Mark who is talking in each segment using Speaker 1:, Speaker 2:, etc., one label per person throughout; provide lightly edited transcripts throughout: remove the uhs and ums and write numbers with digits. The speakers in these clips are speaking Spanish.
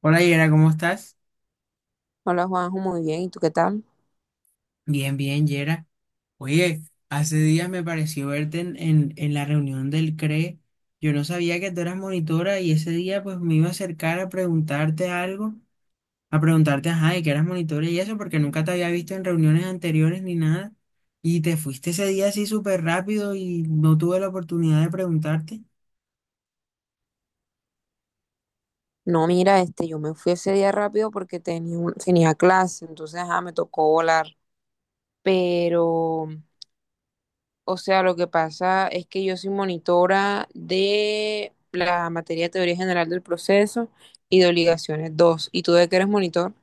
Speaker 1: Hola Yera, ¿cómo estás?
Speaker 2: Hola Juanjo, muy bien. ¿Y tú qué tal?
Speaker 1: Bien, Yera. Oye, hace días me pareció verte en la reunión del CRE. Yo no sabía que tú eras monitora y ese día pues me iba a acercar a preguntarte algo, a preguntarte, ajá, de que eras monitora y eso, porque nunca te había visto en reuniones anteriores ni nada. Y te fuiste ese día así súper rápido y no tuve la oportunidad de preguntarte.
Speaker 2: No, mira, yo me fui ese día rápido porque tenía, tenía clase, entonces ajá, me tocó volar. Pero, o sea, lo que pasa es que yo soy monitora de la materia de teoría general del proceso y de obligaciones 2. ¿Y tú de qué eres monitor?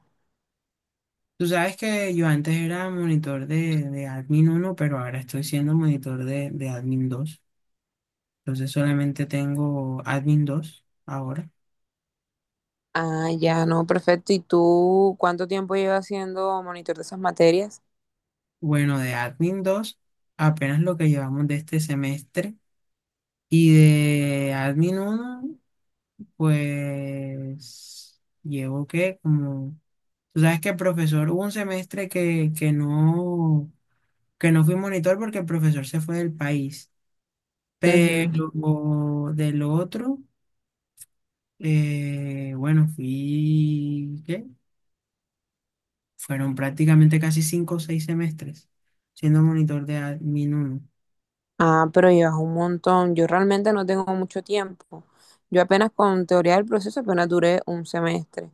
Speaker 1: Tú sabes que yo antes era monitor de Admin uno, pero ahora estoy siendo monitor de Admin dos. Entonces solamente tengo Admin 2 ahora.
Speaker 2: Ah, ya, no, perfecto. ¿Y tú cuánto tiempo llevas siendo monitor de esas materias?
Speaker 1: Bueno, de Admin 2 apenas lo que llevamos de este semestre. Y de Admin uno pues llevo que como... Tú sabes que el profesor, hubo un semestre que no fui monitor porque el profesor se fue del país. Pero del otro, bueno, fui, ¿qué? Fueron prácticamente casi cinco o seis semestres siendo monitor de Admin uno.
Speaker 2: Ah, pero llevas un montón. Yo realmente no tengo mucho tiempo. Yo apenas con teoría del proceso apenas duré un semestre.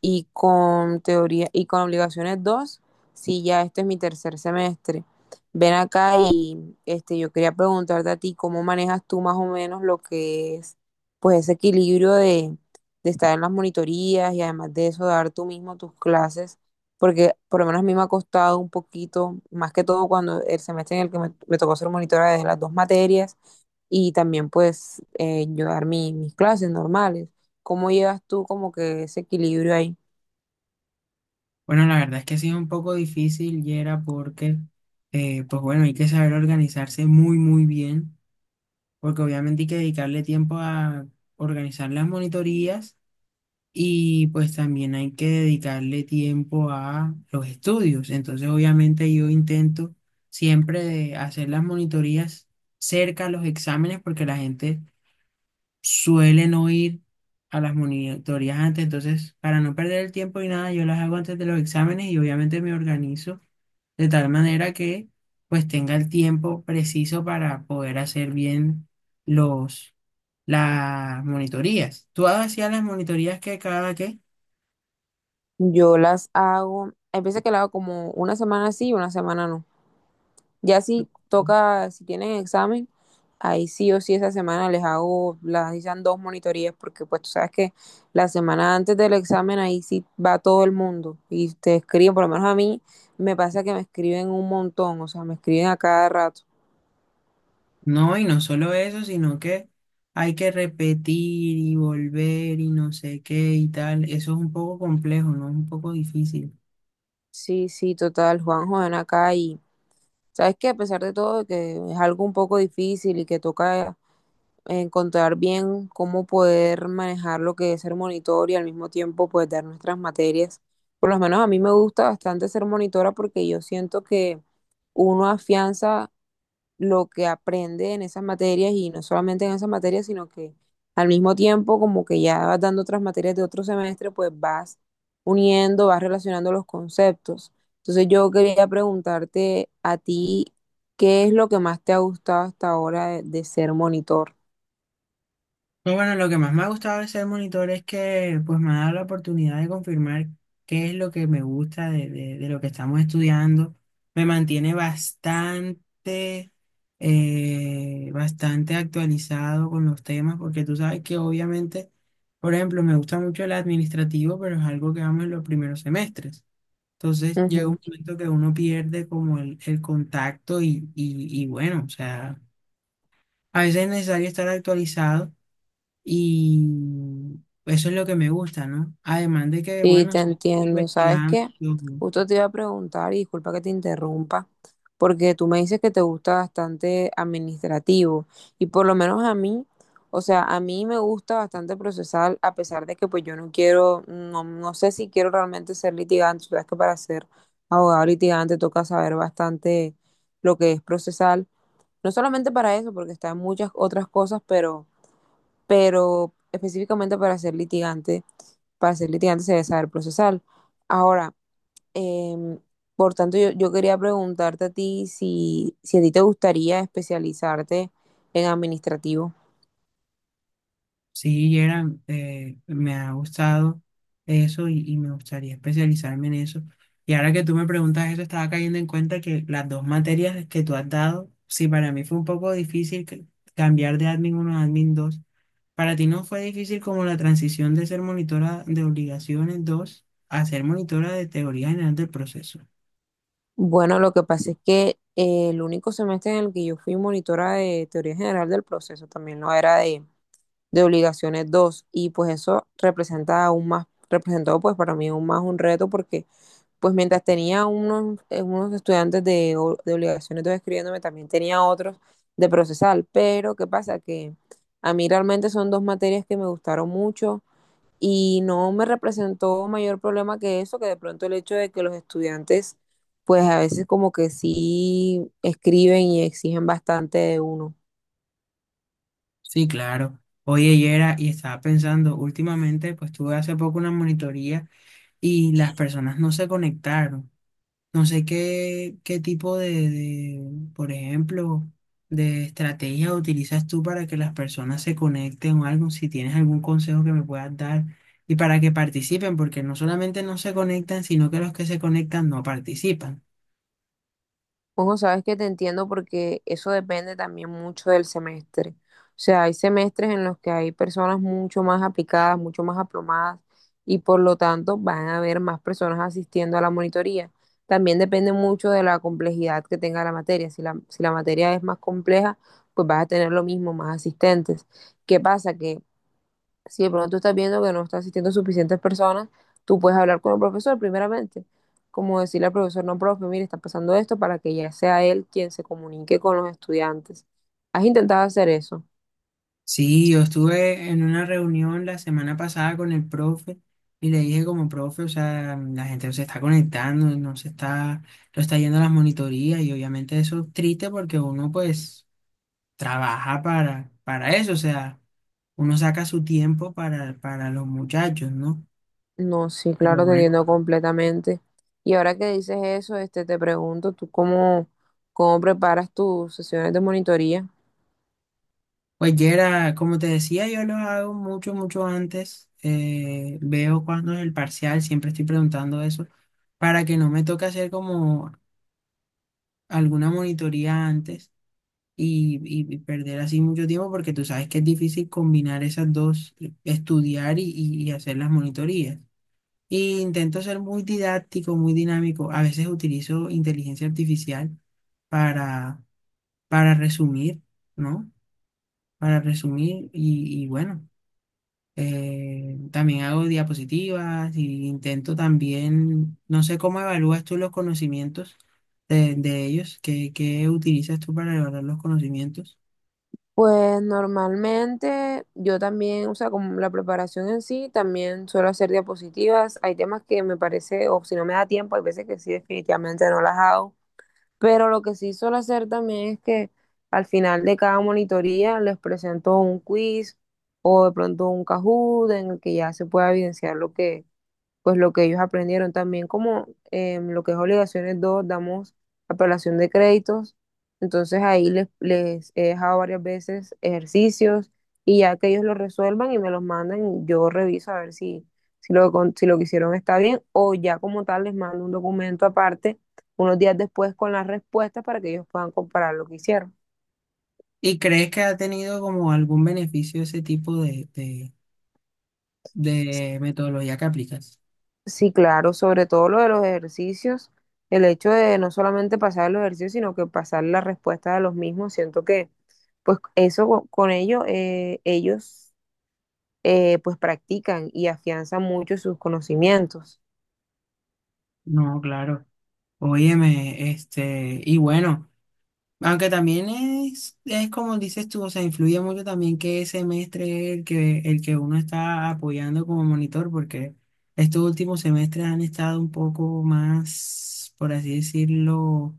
Speaker 2: Y con teoría y con obligaciones 2. Sí, ya este es mi tercer semestre. Ven acá y este, yo quería preguntarte a ti cómo manejas tú más o menos lo que es pues ese equilibrio de estar en las monitorías y además de eso dar tú mismo tus clases, porque por lo menos a mí me ha costado un poquito, más que todo cuando el semestre en el que me tocó ser monitora de las dos materias y también pues yo dar mis clases normales. ¿Cómo llevas tú como que ese equilibrio ahí?
Speaker 1: Bueno, la verdad es que sí es un poco difícil y era porque, pues bueno, hay que saber organizarse muy, muy bien, porque obviamente hay que dedicarle tiempo a organizar las monitorías y pues también hay que dedicarle tiempo a los estudios. Entonces, obviamente yo intento siempre de hacer las monitorías cerca a los exámenes porque la gente suelen oír a las monitorías antes, entonces para no perder el tiempo y nada, yo las hago antes de los exámenes y obviamente me organizo de tal manera que pues tenga el tiempo preciso para poder hacer bien los las monitorías. ¿Tú hacías las monitorías que cada que
Speaker 2: Yo las hago, hay veces que la hago como una semana sí y una semana no. Ya si toca, si tienen examen, ahí sí o sí esa semana les hago, las dicen dos monitorías, porque pues tú sabes que la semana antes del examen ahí sí va todo el mundo y te escriben, por lo menos a mí me pasa que me escriben un montón, o sea, me escriben a cada rato.
Speaker 1: no, y no solo eso, sino que hay que repetir y volver y no sé qué y tal? Eso es un poco complejo, ¿no? Es un poco difícil.
Speaker 2: Sí, sí, total, Juanjo, ven acá y sabes que a pesar de todo que es algo un poco difícil y que toca encontrar bien cómo poder manejar lo que es ser monitor y al mismo tiempo pues dar nuestras materias. Por lo menos a mí me gusta bastante ser monitora porque yo siento que uno afianza lo que aprende en esas materias, y no solamente en esas materias, sino que al mismo tiempo como que ya vas dando otras materias de otro semestre, pues vas uniendo, vas relacionando los conceptos. Entonces yo quería preguntarte a ti, ¿qué es lo que más te ha gustado hasta ahora de ser monitor?
Speaker 1: No, bueno, lo que más me ha gustado de ser monitor es que pues me ha dado la oportunidad de confirmar qué es lo que me gusta de lo que estamos estudiando. Me mantiene bastante, bastante actualizado con los temas, porque tú sabes que obviamente, por ejemplo, me gusta mucho el administrativo, pero es algo que vamos en los primeros semestres. Entonces llega un momento que uno pierde como el contacto y bueno, o sea, a veces es necesario estar actualizado. Y eso es lo que me gusta, ¿no? Además de que,
Speaker 2: Sí,
Speaker 1: bueno,
Speaker 2: te
Speaker 1: sí, estoy
Speaker 2: entiendo. ¿Sabes
Speaker 1: investigando,
Speaker 2: qué? Justo te iba a preguntar, y disculpa que te interrumpa, porque tú me dices que te gusta bastante administrativo, y por lo menos a mí, o sea, a mí me gusta bastante procesal, a pesar de que pues yo no quiero, no, no sé si quiero realmente ser litigante. Tú sabes que para ser abogado litigante toca saber bastante lo que es procesal, no solamente para eso, porque está en muchas otras cosas, pero específicamente para ser litigante se debe saber procesal. Ahora, em, por tanto, yo quería preguntarte a ti si, si a ti te gustaría especializarte en administrativo.
Speaker 1: sí, Gerard, me ha gustado eso y me gustaría especializarme en eso. Y ahora que tú me preguntas eso, estaba cayendo en cuenta que las dos materias que tú has dado, sí, para mí fue un poco difícil cambiar de admin uno a admin 2. ¿Para ti no fue difícil como la transición de ser monitora de obligaciones 2 a ser monitora de teoría general del proceso?
Speaker 2: Bueno, lo que pasa es que el único semestre en el que yo fui monitora de teoría general del proceso también no era de obligaciones dos, y pues eso representa aún más, representó pues para mí aún más un reto, porque pues mientras tenía unos, unos estudiantes de, de obligaciones de escribiéndome, también tenía otros de procesal, pero ¿qué pasa? Que a mí realmente son dos materias que me gustaron mucho y no me representó mayor problema que eso, que de pronto el hecho de que los estudiantes, pues a veces como que sí escriben y exigen bastante de uno.
Speaker 1: Sí, claro. Oye, Yera, y estaba pensando, últimamente, pues tuve hace poco una monitoría y las personas no se conectaron. No sé qué tipo por ejemplo, de estrategia utilizas tú para que las personas se conecten o algo, si tienes algún consejo que me puedas dar y para que participen, porque no solamente no se conectan, sino que los que se conectan no participan.
Speaker 2: Bueno, sabes que te entiendo porque eso depende también mucho del semestre. O sea, hay semestres en los que hay personas mucho más aplicadas, mucho más aplomadas, y por lo tanto van a haber más personas asistiendo a la monitoría. También depende mucho de la complejidad que tenga la materia. Si la materia es más compleja, pues vas a tener lo mismo, más asistentes. ¿Qué pasa? Que si de pronto estás viendo que no está asistiendo suficientes personas, tú puedes hablar con el profesor primeramente, como decirle al profesor, no, profe, mire, está pasando esto, para que ya sea él quien se comunique con los estudiantes. ¿Has intentado hacer eso?
Speaker 1: Sí, yo estuve en una reunión la semana pasada con el profe y le dije como profe, o sea, la gente no se está conectando, no está yendo a las monitorías y obviamente eso es triste porque uno pues trabaja para eso, o sea, uno saca su tiempo para los muchachos, ¿no?
Speaker 2: No, sí,
Speaker 1: Pero
Speaker 2: claro, te
Speaker 1: bueno,
Speaker 2: entiendo completamente. Y ahora que dices eso, este, te pregunto, ¿tú cómo, cómo preparas tus sesiones de monitoría?
Speaker 1: pues Yera, como te decía, yo lo hago mucho antes, veo cuándo es el parcial, siempre estoy preguntando eso para que no me toque hacer como alguna monitoría antes y perder así mucho tiempo porque tú sabes que es difícil combinar esas dos, estudiar y hacer las monitorías. Y intento ser muy didáctico, muy dinámico. A veces utilizo inteligencia artificial para, para resumir, ¿no? Para resumir y bueno. También hago diapositivas y intento también, no sé cómo evalúas tú los conocimientos de ellos, qué utilizas tú para evaluar los conocimientos
Speaker 2: Pues normalmente yo también, o sea, como la preparación en sí, también suelo hacer diapositivas. Hay temas que me parece, o si no me da tiempo, hay veces que sí, definitivamente no las hago. Pero lo que sí suelo hacer también es que al final de cada monitoría les presento un quiz o de pronto un Kahoot en el que ya se pueda evidenciar lo que, pues lo que ellos aprendieron. También como lo que es obligaciones 2 damos apelación de créditos, entonces ahí les, les he dejado varias veces ejercicios, y ya que ellos lo resuelvan y me los mandan, yo reviso a ver si, si lo, si lo que hicieron está bien, o ya como tal les mando un documento aparte unos días después con las respuestas para que ellos puedan comparar lo que hicieron.
Speaker 1: y crees que ha tenido como algún beneficio ese tipo de metodología que aplicas.
Speaker 2: Sí, claro, sobre todo lo de los ejercicios, el hecho de no solamente pasar los ejercicios, sino que pasar la respuesta de los mismos, siento que pues eso con ello ellos pues practican y afianzan mucho sus conocimientos.
Speaker 1: No, claro. Óyeme, este, y bueno. Aunque también es como dices tú, o sea, influye mucho también que semestre el que uno está apoyando como monitor, porque estos últimos semestres han estado un poco más, por así decirlo,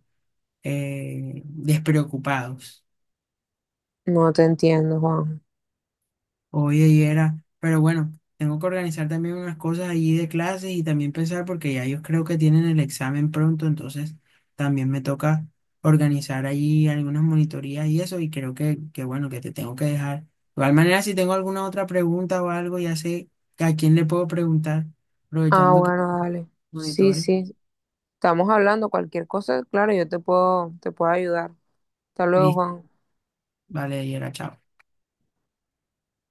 Speaker 1: despreocupados.
Speaker 2: No te entiendo, Juan.
Speaker 1: Oye, y era, pero bueno, tengo que organizar también unas cosas allí de clases y también pensar porque ya ellos creo que tienen el examen pronto, entonces también me toca organizar allí algunas monitorías y eso, y creo que bueno, que te tengo que dejar. De igual manera, si tengo alguna otra pregunta o algo, ya sé a quién le puedo preguntar,
Speaker 2: Ah,
Speaker 1: aprovechando que
Speaker 2: bueno, dale. Sí,
Speaker 1: monitores.
Speaker 2: sí, estamos hablando cualquier cosa, claro, yo te puedo ayudar. Hasta luego,
Speaker 1: Listo,
Speaker 2: Juan.
Speaker 1: vale, y era, chao.